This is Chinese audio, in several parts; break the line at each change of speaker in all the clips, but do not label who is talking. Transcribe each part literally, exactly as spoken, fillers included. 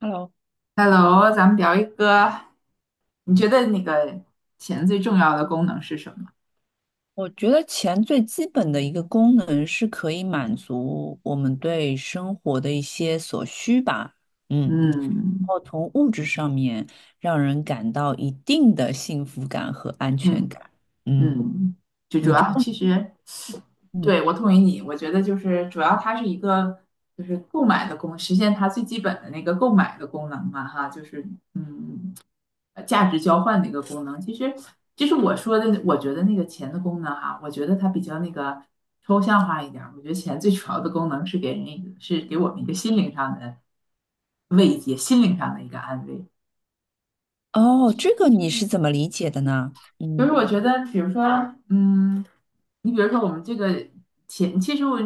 Hello，
Hello，咱们聊一个，你觉得那个钱最重要的功能是什么？
我觉得钱最基本的一个功能是可以满足我们对生活的一些所需吧。嗯，然
嗯
后从物质上面让人感到一定的幸福感和安全
嗯
感。嗯，
嗯，就主
你就
要
得？
其实
嗯。
对我同意你，我觉得就是主要它是一个就是购买的功，实现它最基本的那个购买的功能嘛，哈，就是嗯呃价值交换的一个功能。其实其实我说的，我觉得那个钱的功能哈，我觉得它比较那个抽象化一点儿。我觉得钱最主要的功能是给人一个是给我们一个心灵上的慰藉，心灵上的一个安慰。
哦，这个你是怎么理解的呢？
就是
嗯，
我觉得，比如说，嗯，你比如说我们这个钱，其实我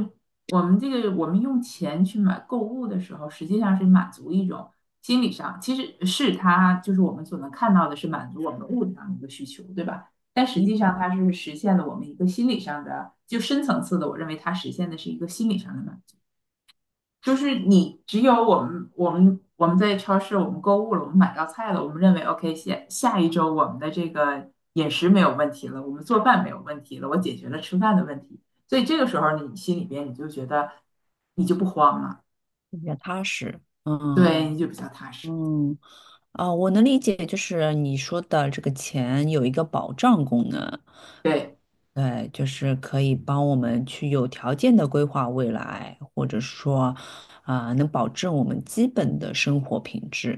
我们这个我们用钱去买购物的时候，实际上是满足一种心理上，其实是它就是我们所能看到的是满足我们物质上的一个需求，对吧？但实
你
际上它是实现了我们一个心理上的，就深层次的，我认为它实现的是一个心理上的满足。就是你只有我们我们我们在超市我们购物了，我们买到菜了，我们认为 OK 下下一周我们的这个饮食没有问题了，我们做饭没有问题了，我解决了吃饭的问题，所以这个时候你心里边你就觉得你就不慌了。
比较踏实，嗯。
对，你就比较踏实。
嗯，啊、我能理解，就是你说的这个钱有一个保障功能。
对。
对，就是可以帮我们去有条件的规划未来，或者说，啊、能保证我们基本的生活品质。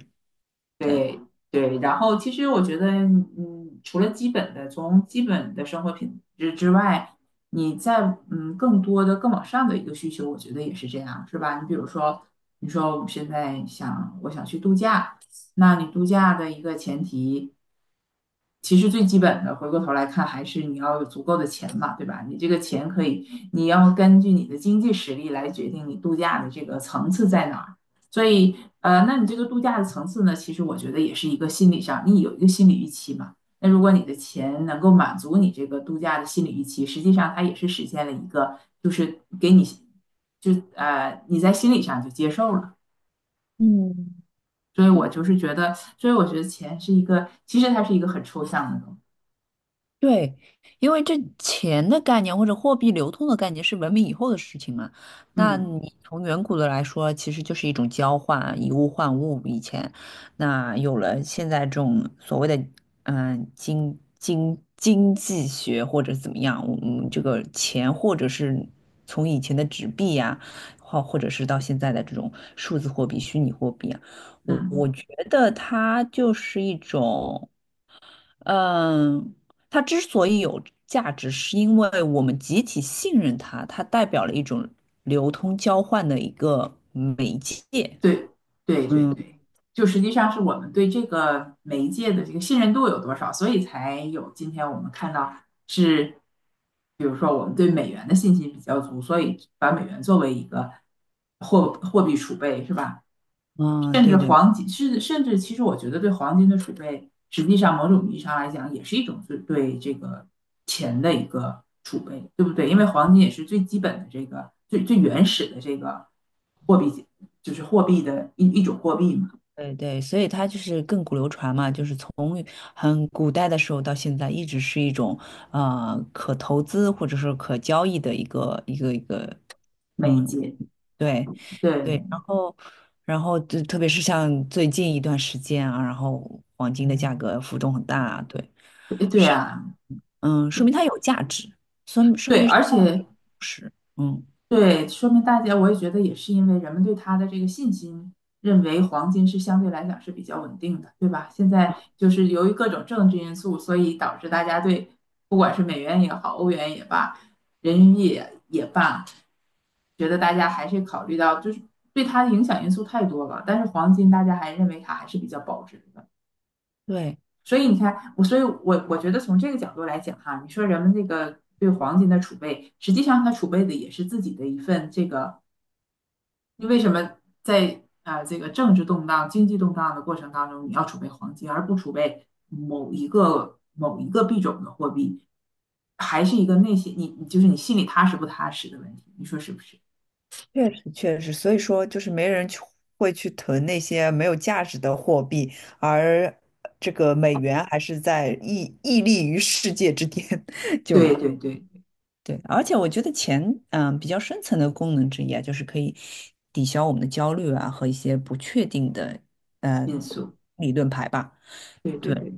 对，
对对，然后其实我觉得，嗯，除了基本的，从基本的生活品质之外，你在嗯更多的更往上的一个需求，我觉得也是这样，是吧？你比如说，你说我们现在想我想去度假，那你度假的一个前提，其实最基本的，回过头来看，还是你要有足够的钱嘛，对吧？你这个钱可以，你要根据你的经济实力来决定你度假的这个层次在哪儿。所以，呃，那你这个度假的层次呢，其实我觉得也是一个心理上，你有一个心理预期嘛。那如果你的钱能够满足你这个度假的心理预期，实际上它也是实现了一个，就是给你，就呃你在心理上就接受了。
嗯，
所以我就是觉得，所以我觉得钱是一个，其实它是一个很抽象的东西。
对。因为这钱的概念或者货币流通的概念是文明以后的事情嘛。那
嗯
你从远古的来说，其实就是一种交换，以物换物。以前，那有了现在这种所谓的嗯、呃经经经济学或者怎么样，嗯，这个钱或者是从以前的纸币呀、或或者是到现在的这种数字货币、虚拟货币啊，我
嗯。
我觉得它就是一种。嗯，它之所以有价值，是因为我们集体信任它，它代表了一种流通交换的一个媒介。
对对对
嗯，
对，就实际上是我们对这个媒介的这个信任度有多少，所以才有今天我们看到是，比如说我们对美元的信心比较足，所以把美元作为一个货货币储备是吧？
啊，
甚至
对对。
黄金，甚至甚至其实我觉得对黄金的储备，实际上某种意义上来讲也是一种对对这个钱的一个储备，对不对？因为
啊，
黄金也是最基本的这个最最原始的这个货币，就是货币的一一种货币嘛，
对对，所以它就是亘古流传嘛，就是从很古代的时候到现在，一直是一种呃可投资或者是可交易的一个一个一个，
美
嗯，
金，
对
对，
对。然后然后就特别是像最近一段时间啊，然后黄金的价格浮动很大啊。对，
对
是
啊，
嗯，说明它有价值，说明说
对，
明是
而
价
且
值。嗯，
对，说明大家我也觉得也是因为人们对它的这个信心，认为黄金是相对来讲是比较稳定的，对吧？现在就是由于各种政治因素，所以导致大家对不管是美元也好，欧元也罢，人民币也也罢，觉得大家还是考虑到就是对它的影响因素太多了，但是黄金大家还认为它还是比较保值的。
对，
所以你看，我所以我我觉得从这个角度来讲哈，你说人们那个对黄金的储备，实际上他储备的也是自己的一份这个，你为什么在啊、呃这个政治动荡、经济动荡的过程当中，你要储备黄金，而不储备某一个某一个币种的货币，还是一个内心你你就是你心里踏实不踏实的问题，你说是不是？
确实确实，所以说就是没人去会去囤那些没有价值的货币，而这个美元还是在屹屹立于世界之巅，就
对对对，
对。而且我觉得钱，嗯、比较深层的功能之一啊，就是可以抵消我们的焦虑啊和一些不确定的，呃，
因素，
理论牌吧。
对对
对
对。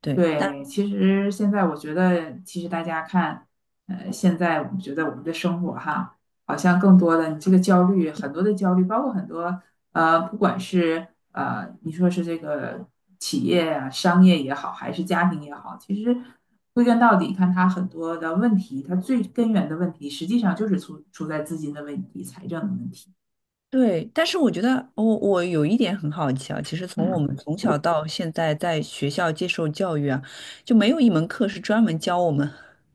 对，但
对，其实现在我觉得，其实大家看，呃，现在我们觉得我们的生活哈，好像更多的你这个焦虑，很多的焦虑，包括很多呃，不管是呃，你说是这个企业啊、商业也好，还是家庭也好，其实归根到底，看它很多的问题，它最根源的问题，实际上就是出出在资金的问题、财政的问题。
对，但是我觉得我我有一点很好奇啊，其实从我
嗯
们从小到现在在学校接受教育啊，就没有一门课是专门教我们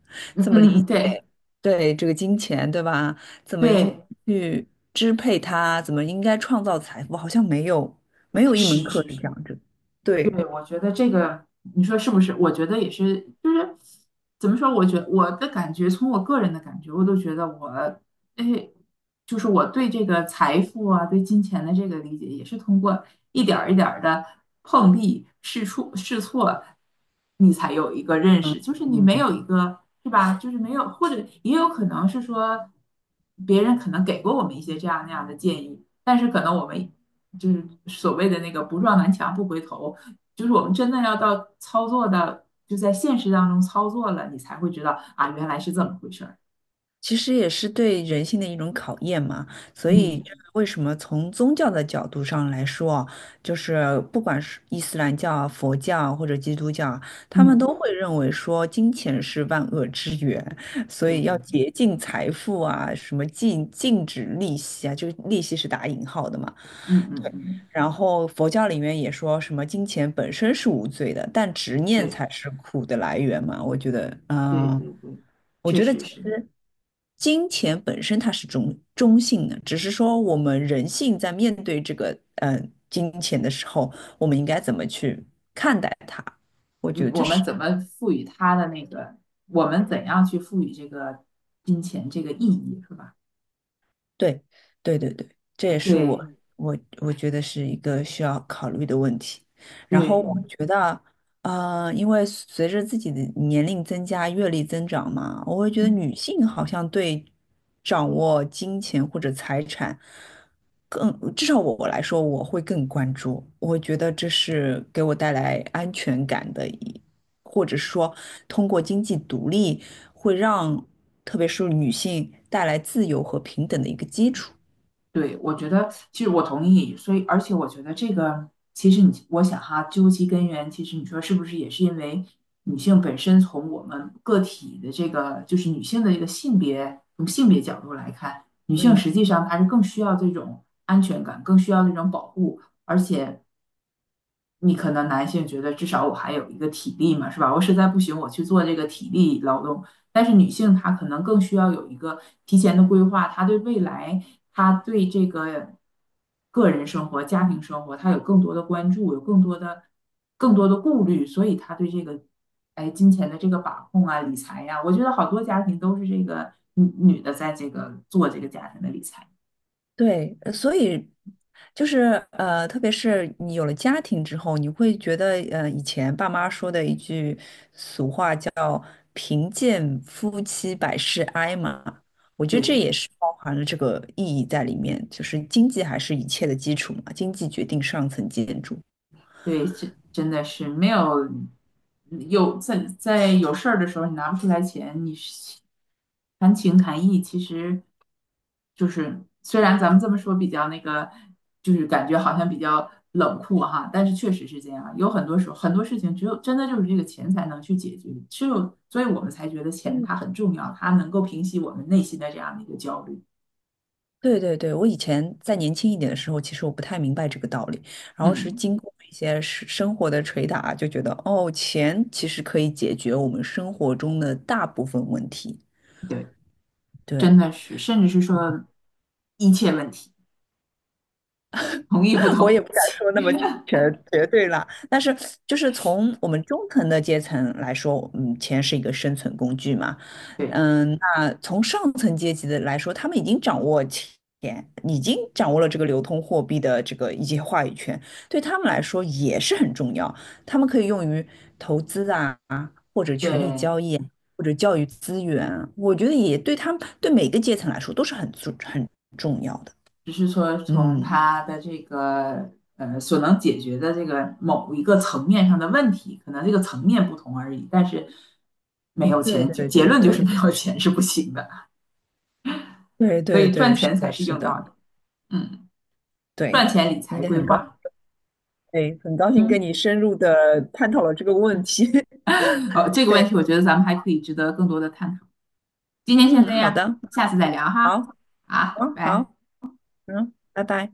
嗯
怎么理
嗯，对。
对这个金钱，对吧？怎么应
对，
去支配它，怎么应该创造财富，好像没有没有一门
是
课
是
是这
是，
样子。对，
对，我觉得这个，你说是不是？我觉得也是，就是怎么说？我觉我的感觉，从我个人的感觉，我都觉得我，哎，就是我对这个财富啊，对金钱的这个理解，也是通过一点儿一点儿的碰壁、试错、试错，你才有一个认
嗯
识。就是你没
嗯。
有一个，是吧？就是没有，或者也有可能是说，别人可能给过我们一些这样那样的建议，但是可能我们就是所谓的那个不撞南墙不回头。就是我们真的要到操作的，就在现实当中操作了，你才会知道啊，原来是这么回事儿。
其实也是对人性的一种考验嘛，所以
嗯
就是为什么从宗教的角度上来说，就是不管是伊斯兰教啊、佛教啊或者基督教啊，他们
嗯，
都会认为说金钱是万恶之源，所
对
以要
对，
竭尽财富啊，什么禁禁止利息啊，就是利息是打引号的嘛。
嗯嗯嗯，
然后佛教里面也说什么金钱本身是无罪的，但执念
对
才是苦的来源嘛。我觉得，
对
嗯、
对对，
我
确
觉得
实
其
是。
实。金钱本身它是中中性的，只是说我们人性在面对这个嗯呃金钱的时候，我们应该怎么去看待它？我觉
嗯，
得这
我
是
们怎么赋予它的那个，我们怎样去赋予这个金钱这个意义，是吧？
对，对对对，这也是我
对
我我觉得是一个需要考虑的问题。然
对，
后我
嗯
觉得，呃，因为随着自己的年龄增加、阅历增长嘛，我会觉得女性好像对掌握金钱或者财产更，至少我来说，我会更关注。我觉得这是给我带来安全感的一。或者是说通过经济独立，会让特别是女性带来自由和平等的一个基础。
对，我觉得其实我同意，所以而且我觉得这个其实你我想哈，究其根源，其实你说是不是也是因为女性本身从我们个体的这个就是女性的这个性别从性别角度来看，女性
嗯
实际上她是更需要这种安全感，更需要这种保护，而且。你可能男性觉得至少我还有一个体力嘛，是吧？我实在不行，我去做这个体力劳动。但是女性她可能更需要有一个提前的规划，她对未来，她对这个个人生活、家庭生活，她有更多的关注，有更多的更多的顾虑，所以她对这个哎金钱的这个把控啊、理财呀、我觉得好多家庭都是这个女女的在这个做这个家庭的理财，
对，呃所以就是呃，特别是你有了家庭之后，你会觉得呃，以前爸妈说的一句俗话叫“贫贱夫妻百事哀”嘛，我觉得这
对。
也是包含了这个意义在里面，就是经济还是一切的基础嘛，经济决定上层建筑。
对，这真的是没有有在在有事儿的时候，你拿不出来钱，你是谈情谈义，其实就是虽然咱们这么说比较那个，就是感觉好像比较冷酷哈，但是确实是这样。有很多时候，很多事情只有真的就是这个钱才能去解决，只有所以我们才觉得钱
嗯。
它很重要，它能够平息我们内心的这样的一个焦虑。
对对对，我以前在年轻一点的时候，其实我不太明白这个道理，然后是
嗯，
经过一些生生活的捶打，就觉得哦，钱其实可以解决我们生活中的大部分问题。
对，真
对，
的是，甚至是说一切问题，同意不
我也
同
不敢说那
意？
么 全绝对了，但是就是从我们中层的阶层来说，嗯，钱是一个生存工具嘛。
对。
嗯，那从上层阶级的来说，他们已经掌握钱，已经掌握了这个流通货币的这个一些话语权，对他们来说也是很重要，他们可以用于投资啊，或者权力
对，
交易，或者教育资源，我觉得也对他们对每个阶层来说都是很重很重要的。
只是说从
嗯。
他的这个呃所能解决的这个某一个层面上的问题，可能这个层面不同而已，但是没有
对
钱就
对
结
对
论就是
对，
没有钱是不行的，
对
所
对
以赚
对，是
钱才
的，
是
是
硬道
的，
理。嗯，
对，
赚钱理
你
财
得
规
很高，
划，
对，很高兴跟
嗯，
你深入的探讨了这个问题。
哦，这个问
对，
题我觉得咱们还可以值得更多的探讨。今天先
嗯，
这
好
样，
的，
下次再聊哈。
好，
好，
好，
拜拜。
好，嗯，拜拜。